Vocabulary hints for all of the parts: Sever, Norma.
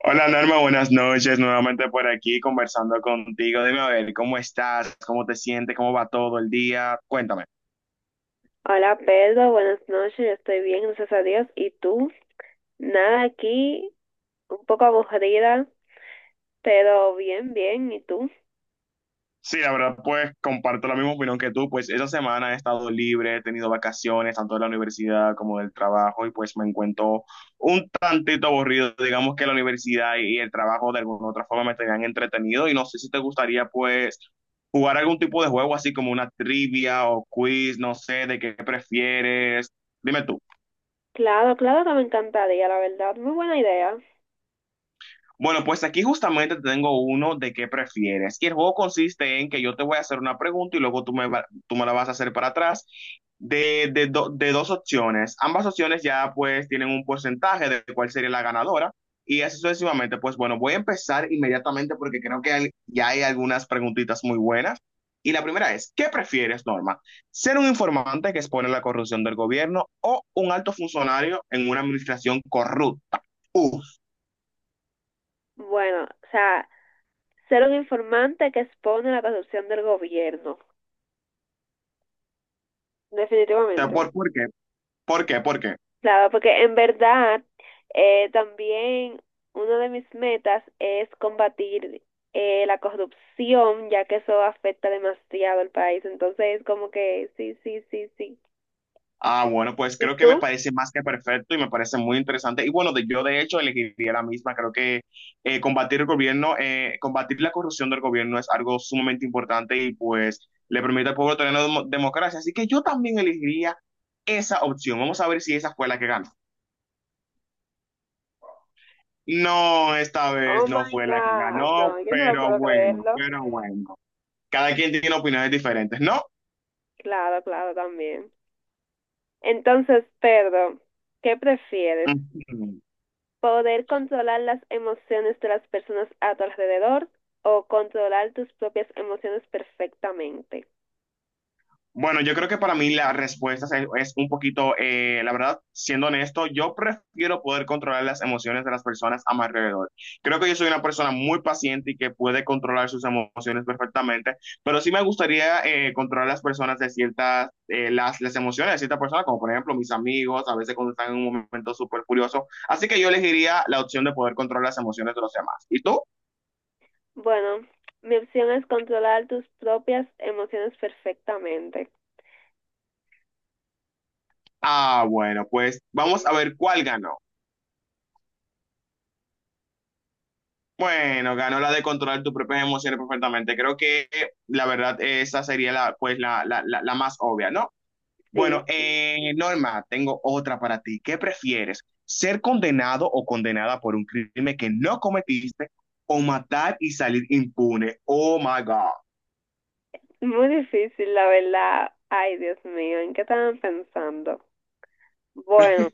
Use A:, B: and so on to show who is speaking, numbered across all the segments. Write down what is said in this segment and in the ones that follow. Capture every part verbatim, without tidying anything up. A: Hola Norma, buenas noches. Nuevamente por aquí conversando contigo. Dime a ver, ¿cómo estás? ¿Cómo te sientes? ¿Cómo va todo el día? Cuéntame.
B: Hola Pedro, buenas noches, yo estoy bien, gracias a Dios. ¿Y tú? Nada aquí, un poco aburrida, pero bien, bien. ¿Y tú?
A: Sí, la verdad, pues comparto la misma opinión que tú. Pues esa semana he estado libre, he tenido vacaciones, tanto de la universidad como del trabajo, y pues me encuentro un tantito aburrido. Digamos que la universidad y y el trabajo de alguna u otra forma me tenían entretenido, y no sé si te gustaría, pues, jugar algún tipo de juego así como una trivia o quiz, no sé, de qué prefieres. Dime tú.
B: Claro, claro que me encantaría, la verdad, muy buena idea.
A: Bueno, pues aquí justamente te tengo uno de qué prefieres. Y el juego consiste en que yo te voy a hacer una pregunta y luego tú me, va- tú me la vas a hacer para atrás de, de do- de dos opciones. Ambas opciones ya pues tienen un porcentaje de cuál sería la ganadora y así sucesivamente. Pues bueno, voy a empezar inmediatamente porque creo que hay- ya hay algunas preguntitas muy buenas. Y la primera es, ¿qué prefieres, Norma? ¿Ser un informante que expone la corrupción del gobierno o un alto funcionario en una administración corrupta? Uf,
B: Bueno, o sea, ser un informante que expone la corrupción del gobierno,
A: ¿te
B: definitivamente.
A: por, por qué? ¿Por qué? ¿Por qué?
B: Claro, porque en verdad eh, también una de mis metas es combatir eh, la corrupción, ya que eso afecta demasiado al país. Entonces, como que sí, sí, sí, sí.
A: Ah, bueno, pues
B: ¿Y
A: creo que me
B: tú?
A: parece más que perfecto y me parece muy interesante. Y bueno, de, yo de hecho elegiría la misma. Creo que eh, combatir el gobierno, eh, combatir la corrupción del gobierno es algo sumamente importante y pues le permite al pueblo tener una demo- democracia. Así que yo también elegiría esa opción. Vamos a ver si esa fue la que ganó. No, esta
B: Oh
A: vez no
B: my
A: fue la que
B: God,
A: ganó,
B: no, yo no lo
A: pero
B: puedo
A: bueno,
B: creerlo.
A: pero bueno. Cada quien tiene opiniones diferentes, ¿no?
B: Claro, claro, también. Entonces, Pedro, ¿qué prefieres?
A: Ujú.
B: ¿Poder controlar las emociones de las personas a tu alrededor o controlar tus propias emociones perfectamente?
A: Bueno, yo creo que para mí la respuesta es, es un poquito, eh, la verdad, siendo honesto, yo prefiero poder controlar las emociones de las personas a mi alrededor. Creo que yo soy una persona muy paciente y que puede controlar sus emociones perfectamente, pero sí me gustaría eh, controlar las personas de ciertas, eh, las, las emociones de ciertas personas, como por ejemplo mis amigos, a veces cuando están en un momento súper furioso. Así que yo elegiría la opción de poder controlar las emociones de los demás. ¿Y tú?
B: Bueno, mi opción es controlar tus propias emociones perfectamente.
A: Ah, bueno, pues
B: Ujú.
A: vamos a ver cuál ganó. Bueno, ganó la de controlar tus propias emociones perfectamente. Creo que la verdad esa sería la, pues, la, la, la, la más obvia, ¿no?
B: Sí,
A: Bueno,
B: sí.
A: eh, Norma, tengo otra para ti. ¿Qué prefieres? ¿Ser condenado o condenada por un crimen que no cometiste o matar y salir impune? Oh my God.
B: Muy difícil, la verdad. Ay, Dios mío, ¿en qué estaban pensando? Bueno,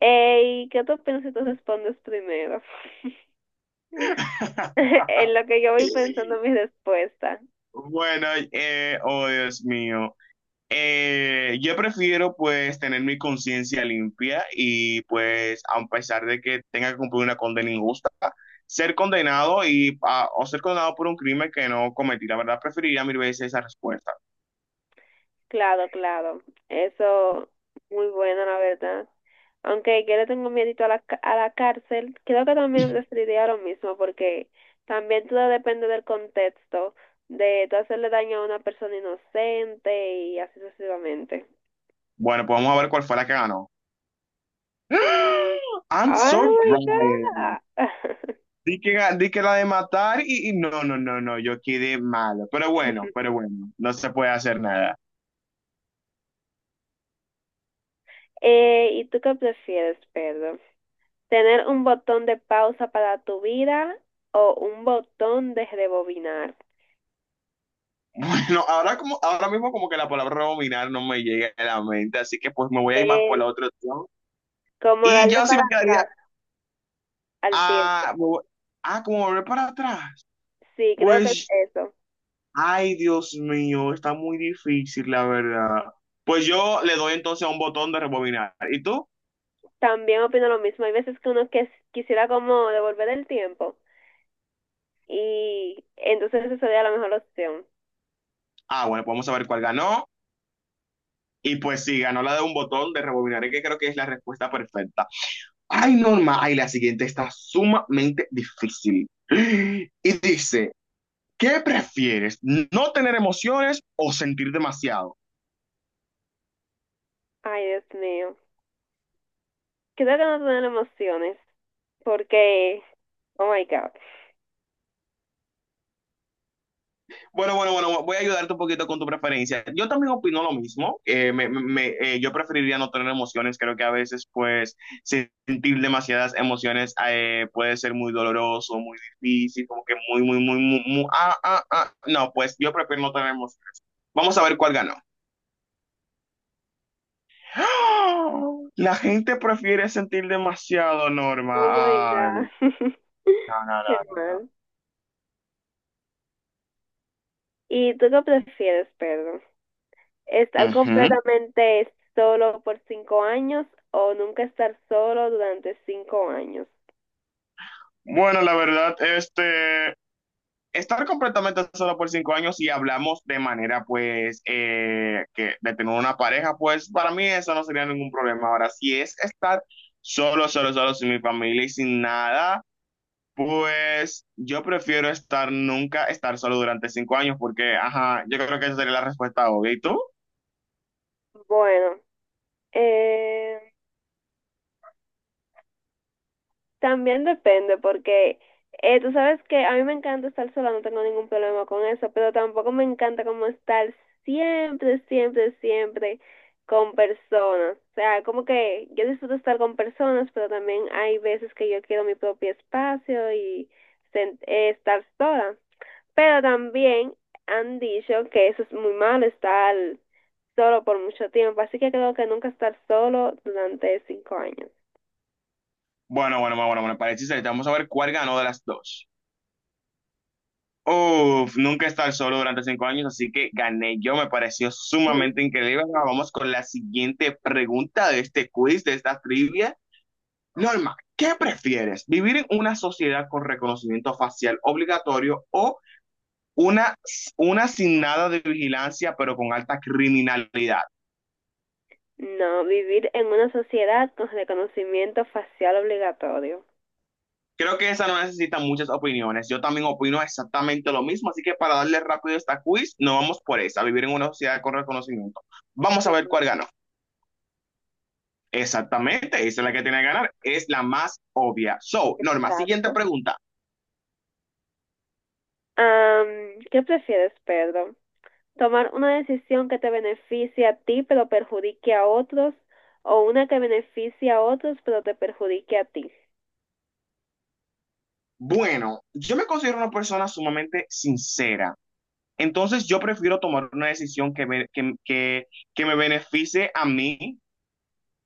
B: ey, ¿qué tú piensas si tú respondes primero? En lo que yo voy pensando mi respuesta.
A: Bueno, eh, oh Dios mío. Eh, yo prefiero pues tener mi conciencia limpia y pues a pesar de que tenga que cumplir una condena injusta, ser condenado y a- o ser condenado por un crimen que no cometí. La verdad preferiría mil veces esa respuesta.
B: Claro, claro. Eso, muy buena, la verdad. Aunque yo le tengo miedito a la, ca- a la cárcel, creo que también preferiría lo mismo, porque también todo depende del contexto, de tú hacerle daño a una persona inocente y así sucesivamente.
A: Bueno, pues vamos a ver cuál fue la que ganó. I'm so
B: ¡Oh,
A: bright.
B: my God!
A: Di que, ga- di que la de matar y, y no, no, no, no, yo quedé malo. Pero bueno, pero bueno, no se puede hacer nada.
B: Eh, ¿y tú qué prefieres, Pedro? ¿Tener un botón de pausa para tu vida o un botón de rebobinar?
A: Bueno, ahora, como, ahora mismo como que la palabra dominar no me llega a la mente, así que pues me voy a ir más por
B: Es
A: la otra opción.
B: como
A: Y
B: darle
A: yo sí me
B: para
A: quedaría,
B: atrás al tiempo.
A: ah, me voy- ah, como volver para atrás.
B: Sí, creo que es
A: Pues,
B: eso.
A: ay, Dios mío, está muy difícil, la verdad. Pues yo le doy entonces a un botón de rebobinar. ¿Y tú?
B: También opino lo mismo. Hay veces que uno que quisiera como devolver el tiempo y entonces esa sería la mejor opción.
A: Ah, bueno, podemos saber cuál ganó. Y pues sí, ganó la de un botón de rebobinar, que creo que es la respuesta perfecta. Ay, Norma, ay, la siguiente está sumamente difícil. Y dice... ¿Qué prefieres? ¿No tener emociones o sentir demasiado?
B: Ay, Dios mío. Creo que no tener emociones porque, oh my God,
A: Bueno, bueno, bueno, voy a ayudarte un poquito con tu preferencia. Yo también opino lo mismo. Eh, me, me, eh, yo preferiría no tener emociones. Creo que a veces, pues, sentir demasiadas emociones eh, puede ser muy doloroso, muy difícil, como que muy, muy, muy, muy, muy ah, ah, ah. No, pues yo prefiero no tener emociones. Vamos a ver cuál ganó. ¡Ah! La gente prefiere sentir demasiado,
B: oh my
A: Norma.
B: God,
A: Ay, no, no,
B: qué
A: no.
B: mal. ¿Y tú qué prefieres, Pedro? ¿Estar
A: Uh -huh.
B: completamente solo por cinco años o nunca estar solo durante cinco años?
A: Bueno, la verdad, este, estar completamente solo por cinco años y hablamos de manera, pues, eh, que de tener una pareja, pues, para mí eso no sería ningún problema. Ahora, si es estar solo, solo, solo, sin mi familia y sin nada, pues, yo prefiero estar nunca, estar solo durante cinco años, porque, ajá, yo creo que esa sería la respuesta obvia. ¿Y tú?
B: Bueno, eh, también depende, porque eh, tú sabes que a mí me encanta estar sola, no tengo ningún problema con eso, pero tampoco me encanta como estar siempre, siempre, siempre con personas. O sea, como que yo disfruto estar con personas, pero también hay veces que yo quiero mi propio espacio y sen- eh, estar sola. Pero también han dicho que eso es muy malo, estar solo por mucho tiempo, así que creo que nunca estar solo durante cinco años.
A: Bueno, bueno, bueno, bueno, bueno, para el chiste, vamos a ver cuál ganó de las dos. Uf, nunca he estado solo durante cinco años, así que gané yo, me pareció sumamente increíble. Ahora vamos con la siguiente pregunta de este quiz, de esta trivia. Norma, ¿qué prefieres? ¿Vivir en una sociedad con reconocimiento facial obligatorio o una, una sin nada de vigilancia, pero con alta criminalidad?
B: No, vivir en una sociedad con reconocimiento facial obligatorio.
A: Creo que esa no necesita muchas opiniones. Yo también opino exactamente lo mismo, así que para darle rápido esta quiz, no vamos por esa, vivir en una sociedad con reconocimiento. Vamos a ver
B: Claro.
A: cuál ganó. Exactamente, esa es la que tiene que ganar, es la más obvia. So, Norma, siguiente
B: Exacto.
A: pregunta.
B: Am, ¿qué prefieres, Pedro? ¿Tomar una decisión que te beneficie a ti pero perjudique a otros o una que beneficie a otros pero te perjudique a ti?
A: Bueno, yo me considero una persona sumamente sincera, entonces yo prefiero tomar una decisión que me, que, que, que me beneficie a mí,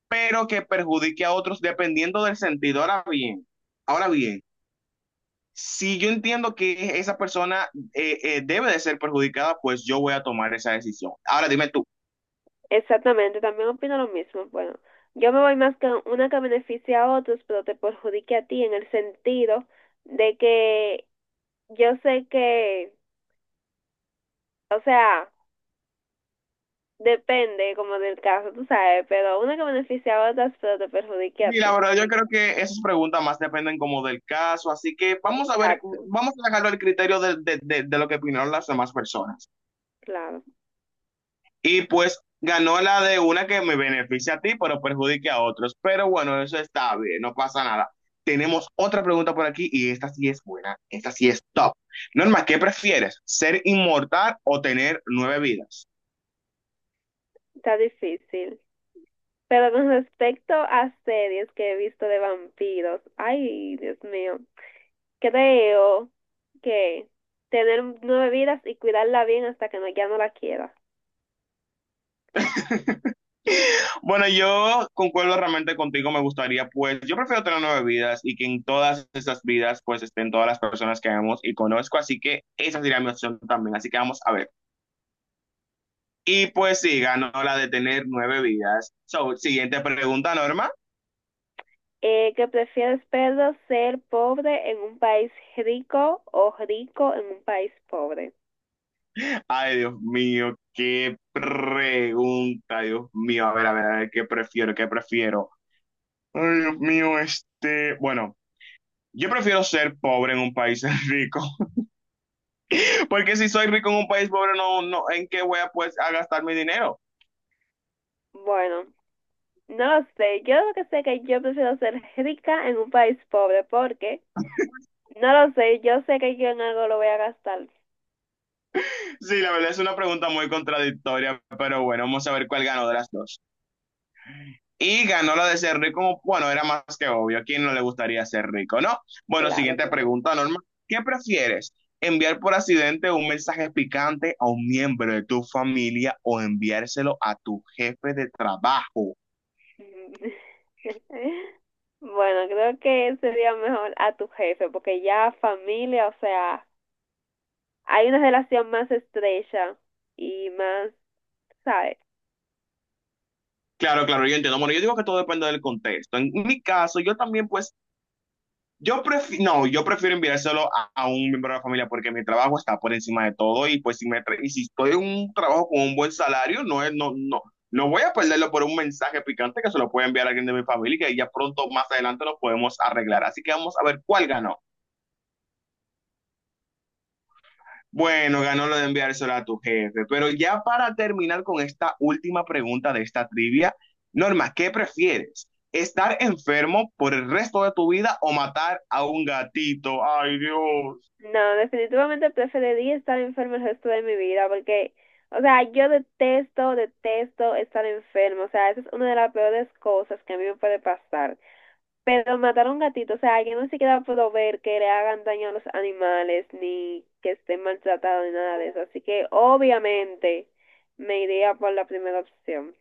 A: pero que perjudique a otros dependiendo del sentido. Ahora bien, ahora bien, si yo entiendo que esa persona eh, eh, debe de ser perjudicada, pues yo voy a tomar esa decisión. Ahora dime tú,
B: Exactamente, también opino lo mismo. Bueno, yo me voy más con una que beneficie a otros pero te perjudique a ti en el sentido de que yo sé que, o sea, depende como del caso, tú sabes, pero una que beneficia a otras, pero te perjudique a
A: Sí, la
B: ti.
A: verdad, yo creo que esas preguntas más dependen como del caso, así que vamos a ver,
B: Exacto,
A: vamos a dejarlo al criterio de, de- de- de lo que opinaron las demás personas.
B: claro,
A: Y pues ganó la de una que me beneficia a ti, pero perjudique a otros. Pero bueno, eso está bien, no pasa nada. Tenemos otra pregunta por aquí y esta sí es buena, esta sí es top. Norma, ¿qué prefieres? ¿Ser inmortal o tener nueve vidas?
B: está difícil. Pero con respecto a series que he visto de vampiros, ay, Dios mío, creo que tener nueve vidas y cuidarla bien hasta que no, ya no la quiera.
A: Bueno, yo concuerdo realmente contigo, me gustaría, pues, yo prefiero tener nueve vidas y que en todas esas vidas, pues, estén todas las personas que vemos y conozco, así que esa sería mi opción también, así que vamos a ver. Y pues sí, ganó la de tener nueve vidas. So, siguiente pregunta, Norma.
B: Eh, que prefieres, Pedro, ¿ser pobre en un país rico o rico en un país pobre?
A: Ay, Dios mío, qué pregunta, Dios mío, a ver, a ver, a ver, qué prefiero, qué prefiero. Ay, Dios mío, este, bueno, yo prefiero ser pobre en un país rico. Porque si soy rico en un país pobre, no, no, ¿en qué voy a, pues, a gastar mi dinero?
B: Bueno, no lo sé, yo lo que sé es que yo prefiero ser rica en un país pobre, porque no lo sé, yo sé que yo en algo lo voy a gastar.
A: Sí, la verdad es una pregunta muy contradictoria, pero bueno, vamos a ver cuál ganó de las dos. Y ganó la de ser rico, bueno, era más que obvio, ¿a quién no le gustaría ser rico, no? Bueno,
B: Claro,
A: siguiente
B: claro.
A: pregunta, Norma, ¿qué prefieres? ¿Enviar por accidente un mensaje picante a un miembro de tu familia o enviárselo a tu jefe de trabajo?
B: Bueno, creo que sería mejor a tu jefe, porque ya familia, o sea, hay una relación más estrecha y más, ¿sabes?
A: Claro, claro, yo entiendo. Bueno, yo digo que todo depende del contexto. En mi caso, yo también pues yo prefiero, no, yo prefiero enviárselo a, a un miembro de la familia porque mi trabajo está por encima de todo y pues si me tra- y si estoy en un trabajo con un buen salario, no es, no, no, no voy a perderlo por un mensaje picante que se lo puede enviar a alguien de mi familia y que ya pronto más adelante lo podemos arreglar. Así que vamos a ver cuál ganó. Bueno, ganó lo de enviárselo a tu jefe, pero ya para terminar con esta última pregunta de esta trivia, Norma, ¿qué prefieres? ¿Estar enfermo por el resto de tu vida o matar a un gatito? Ay, Dios.
B: No, definitivamente preferiría estar enferma el resto de mi vida porque, o sea, yo detesto, detesto estar enfermo. O sea, esa es una de las peores cosas que a mí me puede pasar. Pero matar a un gatito, o sea, yo ni siquiera puedo ver que le hagan daño a los animales ni que estén maltratados ni nada de eso. Así que obviamente me iría por la primera opción.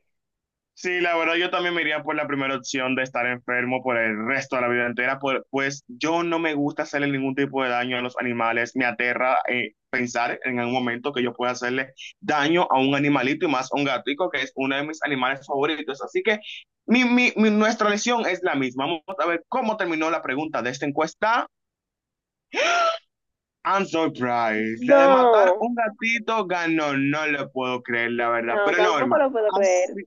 A: Sí, la verdad yo también me iría por la primera opción de estar enfermo por el resto de la vida entera, por- pues yo no me gusta hacerle ningún tipo de daño a los animales, me aterra eh, pensar en algún momento que yo pueda hacerle daño a un animalito y más a un gatico, que es uno de mis animales favoritos. Así que mi, mi, mi- nuestra lesión es la misma. Vamos a ver cómo terminó la pregunta de esta encuesta. I'm surprised. La de matar
B: No,
A: un gatito ganó, no lo puedo creer, la verdad.
B: no,
A: Pero
B: tampoco
A: Norma,
B: lo puedo
A: así,
B: creer.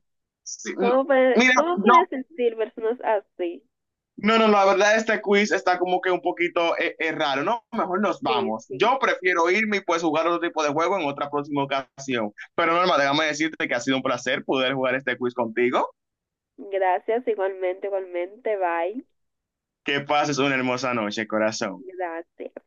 A: sí, no.
B: ¿Cómo pueden,
A: Mira,
B: cómo
A: yo
B: pueden sentir personas así?
A: no, no, no, la verdad este quiz está como que un poquito eh, eh, raro, ¿no? Mejor nos
B: Sí,
A: vamos.
B: sí.
A: Yo prefiero irme y pues jugar otro tipo de juego en otra próxima ocasión. Pero Norma, déjame decirte que ha sido un placer poder jugar este quiz contigo.
B: Gracias, igualmente, igualmente. Bye.
A: Que pases una hermosa noche, corazón.
B: Gracias.